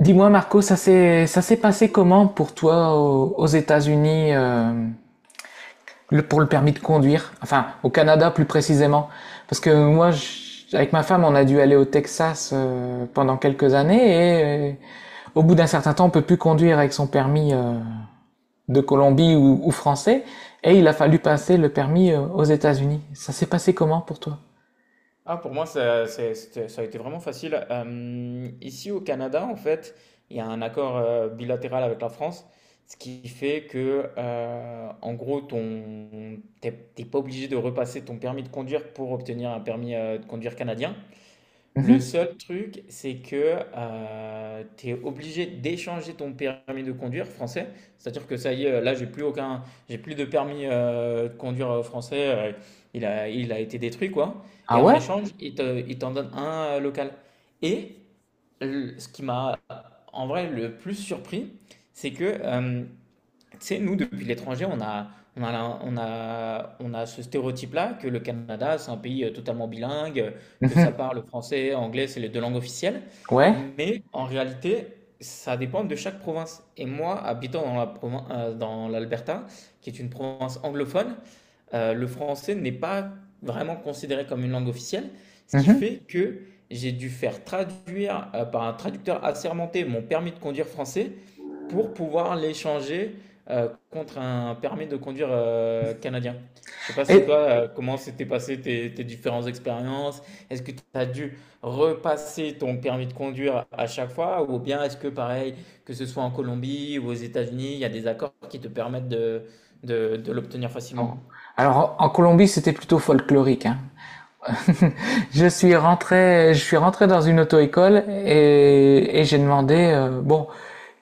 Dis-moi Marco, ça s'est passé comment pour toi aux États-Unis, pour le permis de conduire, enfin au Canada plus précisément, parce que moi avec ma femme on a dû aller au Texas pendant quelques années et au bout d'un certain temps on peut plus conduire avec son permis de Colombie ou français, et il a fallu passer le permis aux États-Unis. Ça s'est passé comment pour toi? Ah, pour moi, ça, ça a été vraiment facile. Ici au Canada, en fait, il y a un accord bilatéral avec la France, ce qui fait que, en gros, t'es pas obligé de repasser ton permis de conduire pour obtenir un permis de conduire canadien. Le Mhm. seul truc, c'est que tu es obligé d'échanger ton permis de conduire français. C'est-à-dire que ça y est, là, j'ai plus aucun, j'ai plus de permis de conduire français. Il a été détruit, quoi. Ah Et en ouais? échange, il t'en donne un local. Et le- ce qui m'a, en vrai, le plus surpris, c'est que tu sais, nous, depuis l'étranger, on a ce stéréotype-là que le Canada, c'est un pays totalement bilingue, que ça Mhm. parle français, anglais, c'est les deux langues officielles. Ouais? Mais en réalité, ça dépend de chaque province. Et moi, habitant dans dans l'Alberta, qui est une province anglophone, le français n'est pas vraiment considéré comme une langue officielle, ce qui Mhm. fait que j'ai dû faire traduire par un traducteur assermenté mon permis de conduire français pour pouvoir l'échanger contre un permis de conduire canadien. Je sais pas si toi, Et comment s'étaient passées tes différentes expériences? Est-ce que tu as dû repasser ton permis de conduire à chaque fois? Ou bien est-ce que pareil, que ce soit en Colombie ou aux États-Unis, il y a des accords qui te permettent de l'obtenir Non. facilement? Alors, en Colombie, c'était plutôt folklorique, hein. Je suis rentré dans une auto-école et j'ai demandé, bon,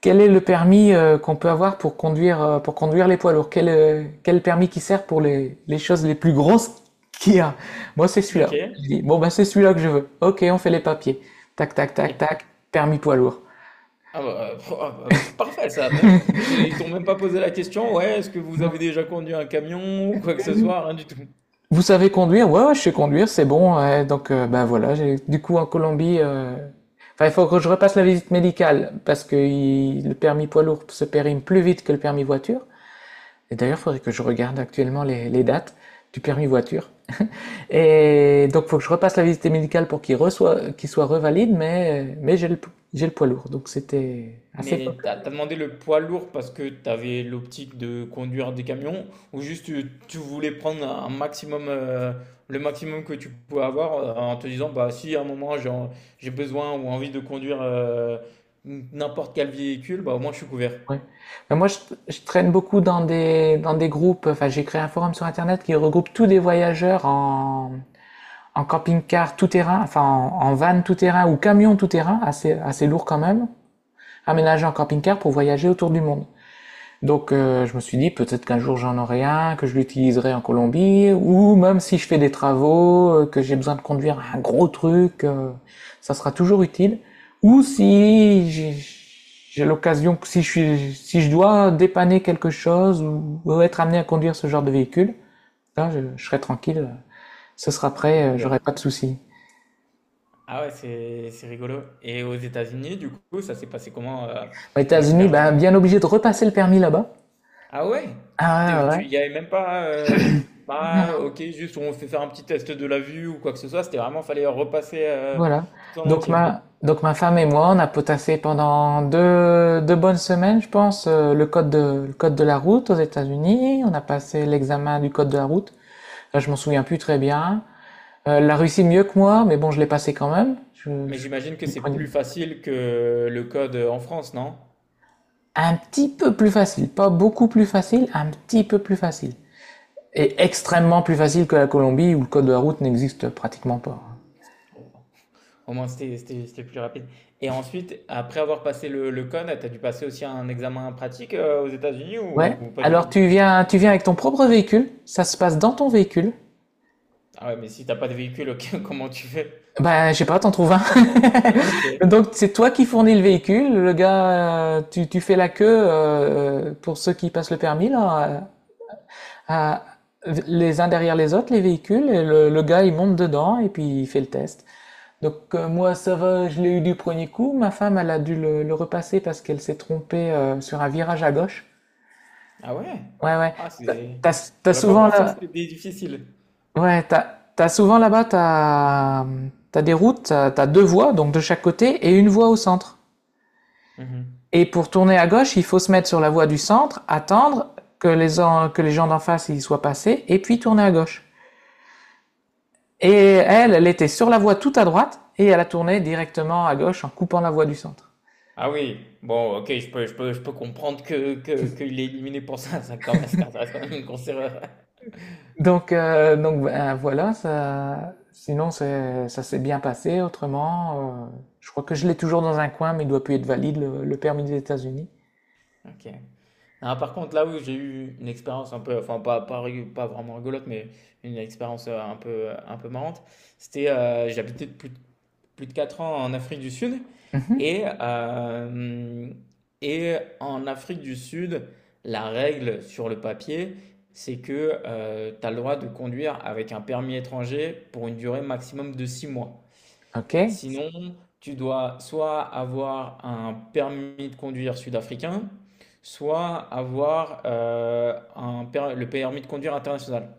quel est le permis qu'on peut avoir pour conduire les poids lourds? Quel permis qui sert pour les choses les plus grosses qu'il y a? Moi, c'est celui-là. Ok. Il dit, bon, ben c'est celui-là que je veux. Ok, on fait les papiers. Tac, tac, tac, Et- tac, permis poids lourd. ah bah, ah bah, parfait ça. Même, ils t'ont même pas posé la question, ouais, est-ce que vous avez déjà conduit un camion ou quoi que ce soit, rien du tout. Vous savez conduire? Ouais, ouais, je sais conduire, c'est bon. Ouais. Donc, ben voilà, j'ai, du coup, en Colombie, enfin, il faut que je repasse la visite médicale parce que le permis poids lourd se périme plus vite que le permis voiture. Et d'ailleurs, il faudrait que je regarde actuellement les dates du permis voiture. Et donc, il faut que je repasse la visite médicale pour qu'il reçoit, qu'il soit revalide, mais j'ai le poids lourd. Donc, c'était assez fort. Mais t'as demandé le poids lourd parce que t'avais l'optique de conduire des camions ou juste tu voulais prendre un maximum, le maximum que tu pouvais avoir en te disant bah si à un moment j'ai besoin ou envie de conduire n'importe quel véhicule, bah au moins je suis couvert. Ouais. Ben moi, je traîne beaucoup dans des groupes. Enfin, j'ai créé un forum sur Internet qui regroupe tous des voyageurs en camping-car tout-terrain, enfin en van tout-terrain ou camion tout-terrain, assez, assez lourd quand même, aménagé en camping-car pour voyager autour du monde. Donc je me suis dit peut-être qu'un jour j'en aurai un, que je l'utiliserai en Colombie, ou même si je fais des travaux, que j'ai besoin de conduire un gros truc, ça sera toujours utile. Ou si j'ai l'occasion, si je dois dépanner quelque chose ou être amené à conduire ce genre de véhicule, là je serai tranquille, ce sera T'es prêt, j'aurai couvert. pas de soucis. Ah ouais, c'est rigolo. Et aux États-Unis, du coup, ça s'est passé comment Aux ton États-Unis, expérience? ben bien obligé de repasser le permis là-bas. Ah ouais? Ah T'es- ouais, ouais. Ouais. Tu y avait même pas. Bah, ok, juste on fait faire un petit test de la vue ou quoi que ce soit. C'était vraiment, fallait repasser Voilà. tout en Donc entier. ma femme et moi, on a potassé pendant deux bonnes semaines, je pense, le code de la route aux États-Unis. On a passé l'examen du code de la route. Là, je m'en souviens plus très bien. La Russie mieux que moi, mais bon, je l'ai passé quand même. Je, Mais je- j'imagine que il c'est prenait plus facile que le code en France, non? un petit peu plus facile, pas beaucoup plus facile, un petit peu plus facile. Et extrêmement plus facile que la Colombie où le code de la route n'existe pratiquement pas. Au moins, c'était plus rapide. Et ensuite, après avoir passé le code, t'as dû passer aussi un examen pratique aux États-Unis Ouais. Ou pas du Alors tout? Tu viens avec ton propre véhicule, ça se passe dans ton véhicule. Ah ouais, mais si t'as pas de véhicule, ok, comment tu fais? Bah, je sais pas, t'en trouves un. Ok. Donc, c'est toi qui fournis le véhicule, le gars, tu fais la queue pour ceux qui passent le permis, là, à- à- les uns derrière les autres, les véhicules, et le gars, il monte dedans et puis il fait le test. Donc, moi, ça va, je l'ai eu du premier coup. Ma femme, elle a dû le repasser parce qu'elle s'est trompée sur un virage à gauche. Ah ouais? Ouais, ouais. Ah, T'as, c'est. t'as J'aurais pas souvent pensé que là, c'était difficile. ouais, t'as souvent là-bas, t'as des routes, t'as deux voies, donc de chaque côté, et une voie au centre. Mhm. Et pour tourner à gauche, il faut se mettre sur la voie du centre, attendre que les gens d'en face y soient passés, et puis tourner à gauche. Et elle, elle était sur la voie tout à droite, et elle a tourné directement à gauche en coupant la voie du centre. Ah oui, bon, OK, je peux comprendre que qu'il est éliminé pour ça, ça quand ça reste quand même une grosse erreur. Donc ben, voilà, ça, sinon ça s'est bien passé. Autrement, je crois que je l'ai toujours dans un coin, mais il doit plus être valide, le permis des États-Unis. OK. Ah, par contre, là où j'ai eu une expérience un peu, enfin pas vraiment rigolote, mais une expérience un peu marrante, c'était plus de 4 ans en Afrique du Sud Mhm. et, et en Afrique du Sud, la règle sur le papier, c'est que tu as le droit de conduire avec un permis étranger pour une durée maximum de 6 mois. Ok. Sinon, tu dois soit avoir un permis de conduire sud-africain, soit avoir le permis de conduire international.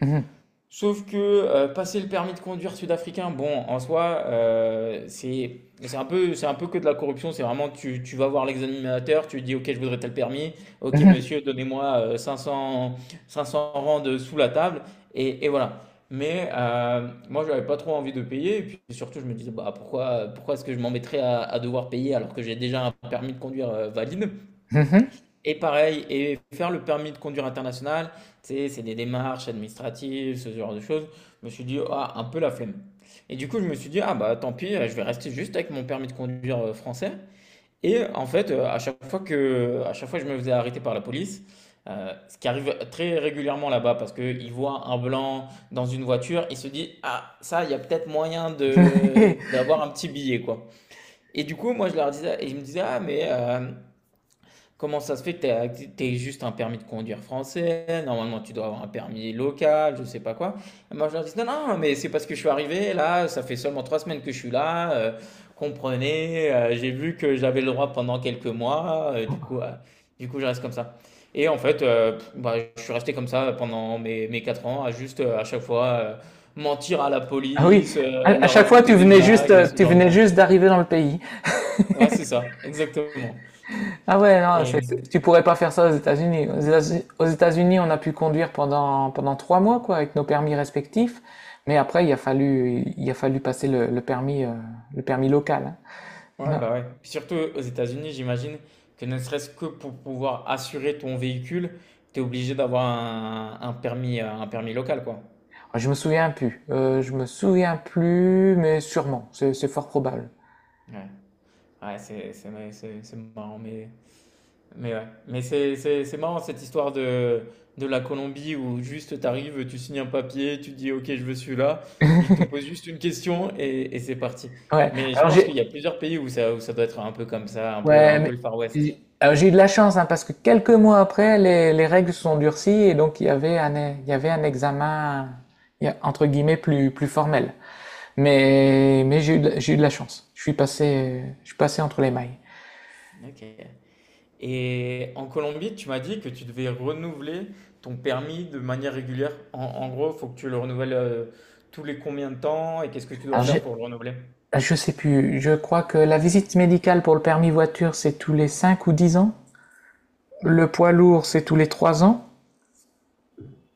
Mhm. Sauf que passer le permis de conduire sud-africain, bon, en soi, c'est c'est un peu que de la corruption. C'est vraiment, tu vas voir l'examinateur, tu lui dis, OK, je voudrais tel permis. OK, monsieur, donnez-moi 500 rand sous la table. Et voilà. Mais moi, je n'avais pas trop envie de payer. Et puis surtout, je me disais, bah, pourquoi est-ce que je m'embêterais à devoir payer alors que j'ai déjà un permis de conduire valide? Mhm. Et pareil, et faire le permis de conduire international, tu sais, c'est des démarches administratives, ce genre de choses. Je me suis dit, ah, un peu la flemme. Et du coup, je me suis dit, ah bah tant pis, je vais rester juste avec mon permis de conduire français. Et en fait, à chaque fois que je me faisais arrêter par la police, ce qui arrive très régulièrement là-bas, parce qu'ils voient un blanc dans une voiture, ils se disent, ah, ça, il y a peut-être moyen de Mhm. d'avoir un petit billet, quoi. Et du coup, moi, je leur disais, et ils me disaient, ah, mais comment ça se fait que tu as juste un permis de conduire français? Normalement, tu dois avoir un permis local, je sais pas quoi. Et moi, je leur dis, non, non, mais c'est parce que je suis arrivé là, ça fait seulement 3 semaines que je suis là. Comprenez, j'ai vu que j'avais le droit pendant quelques mois, du coup, je reste comme ça. Et en fait, bah, je suis resté comme ça pendant mes 4 ans, à juste à chaque fois mentir à la Ah oui, police, à leur chaque fois raconter des blagues et ce tu genre de venais choses. juste d'arriver dans le pays. Ouais, c'est ça, exactement. Ah ouais, non, tu pourrais pas faire ça aux États-Unis. Aux États-Unis, on a pu conduire pendant trois mois quoi, avec nos permis respectifs. Mais après, il a fallu passer le permis local. Ouais, Hein. bah ouais. Surtout aux États-Unis, j'imagine que ne serait-ce que pour pouvoir assurer ton véhicule, tu es obligé d'avoir un permis local, quoi. Je me souviens plus. Je me souviens plus, mais sûrement, c'est fort probable. Ouais, ouais, c'est marrant, mais ouais. Mais c'est marrant cette histoire de la Colombie où juste tu arrives, tu signes un papier, tu dis OK, je veux celui-là, ils te posent juste une question et c'est parti. Ouais. Mais je Alors pense j'ai qu'il y a plusieurs pays où ça doit être un peu comme ça, Ouais, un peu mais le Far West. J'ai eu de la chance, hein, parce que quelques mois après, les règles se sont durcies, et donc il y avait il y avait un examen entre guillemets plus, plus formel. Mais j'ai eu de la chance. Je suis passé entre les mailles. Ok. Et en Colombie, tu m'as dit que tu devais renouveler ton permis de manière régulière. En, en gros, il faut que tu le renouvelles tous les combien de temps et qu'est-ce que tu dois Alors, faire pour le renouveler? je sais plus. Je crois que la visite médicale pour le permis voiture, c'est tous les 5 ou 10 ans. Le poids lourd, c'est tous les 3 ans.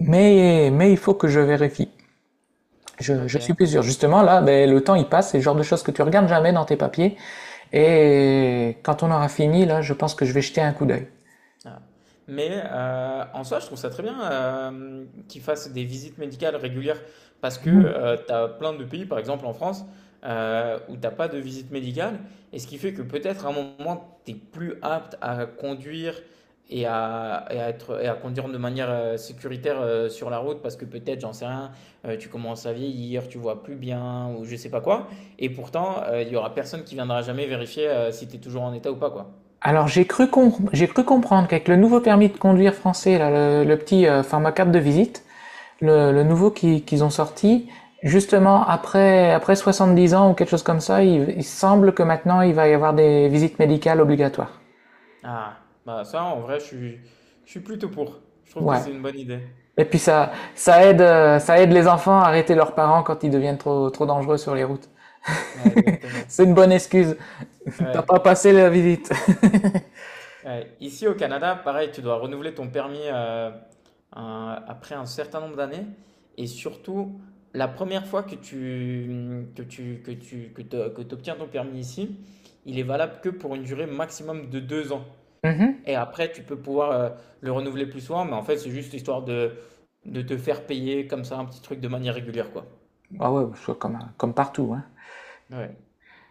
Mais il faut que je vérifie. Je suis Ok. plus sûr. Justement, là, ben, le temps, il passe. C'est le genre de choses que tu regardes jamais dans tes papiers. Et quand on aura fini, là, je pense que je vais jeter un coup d'œil. Ah. Mais en soi, je trouve ça très bien qu'ils fassent des visites médicales régulières parce que tu as plein de pays, par exemple en France, où t'as pas de visite médicale et ce qui fait que peut-être à un moment, tu es plus apte à conduire et à conduire de manière sécuritaire sur la route parce que peut-être, j'en sais rien, tu commences à vieillir, tu vois plus bien ou je sais pas quoi. Et pourtant, il y aura personne qui viendra jamais vérifier si tu es toujours en état ou pas, quoi. Alors, j'ai cru comprendre qu'avec le nouveau permis de conduire français, là, le petit format carte de visite, le nouveau qu'ils ont sorti, justement, après 70 ans ou quelque chose comme ça, il semble que maintenant, il va y avoir des visites médicales obligatoires. Ah, bah ça, en vrai, je suis plutôt pour. Je trouve que Ouais. c'est une bonne idée. Et puis ça, ça aide les enfants à arrêter leurs parents quand ils deviennent trop, trop dangereux sur les routes. Ouais, exactement. C'est une bonne excuse. T'as pas Ouais, passé la visite. ouais. Ici au Canada, pareil, tu dois renouveler ton permis après un certain nombre d'années. Et surtout, la première fois que que t'obtiens ton permis ici, il est valable que pour une durée maximum de 2 ans. Mhm. Et après, tu peux pouvoir le renouveler plus souvent, mais en fait, c'est juste histoire de te faire payer comme ça un petit truc de manière régulière, quoi. Ah ouais, je suis comme partout. Hein. Ouais.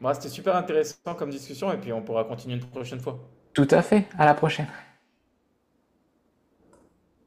Bah, c'était super intéressant comme discussion et puis on pourra continuer une prochaine fois. Tout à fait. À la prochaine.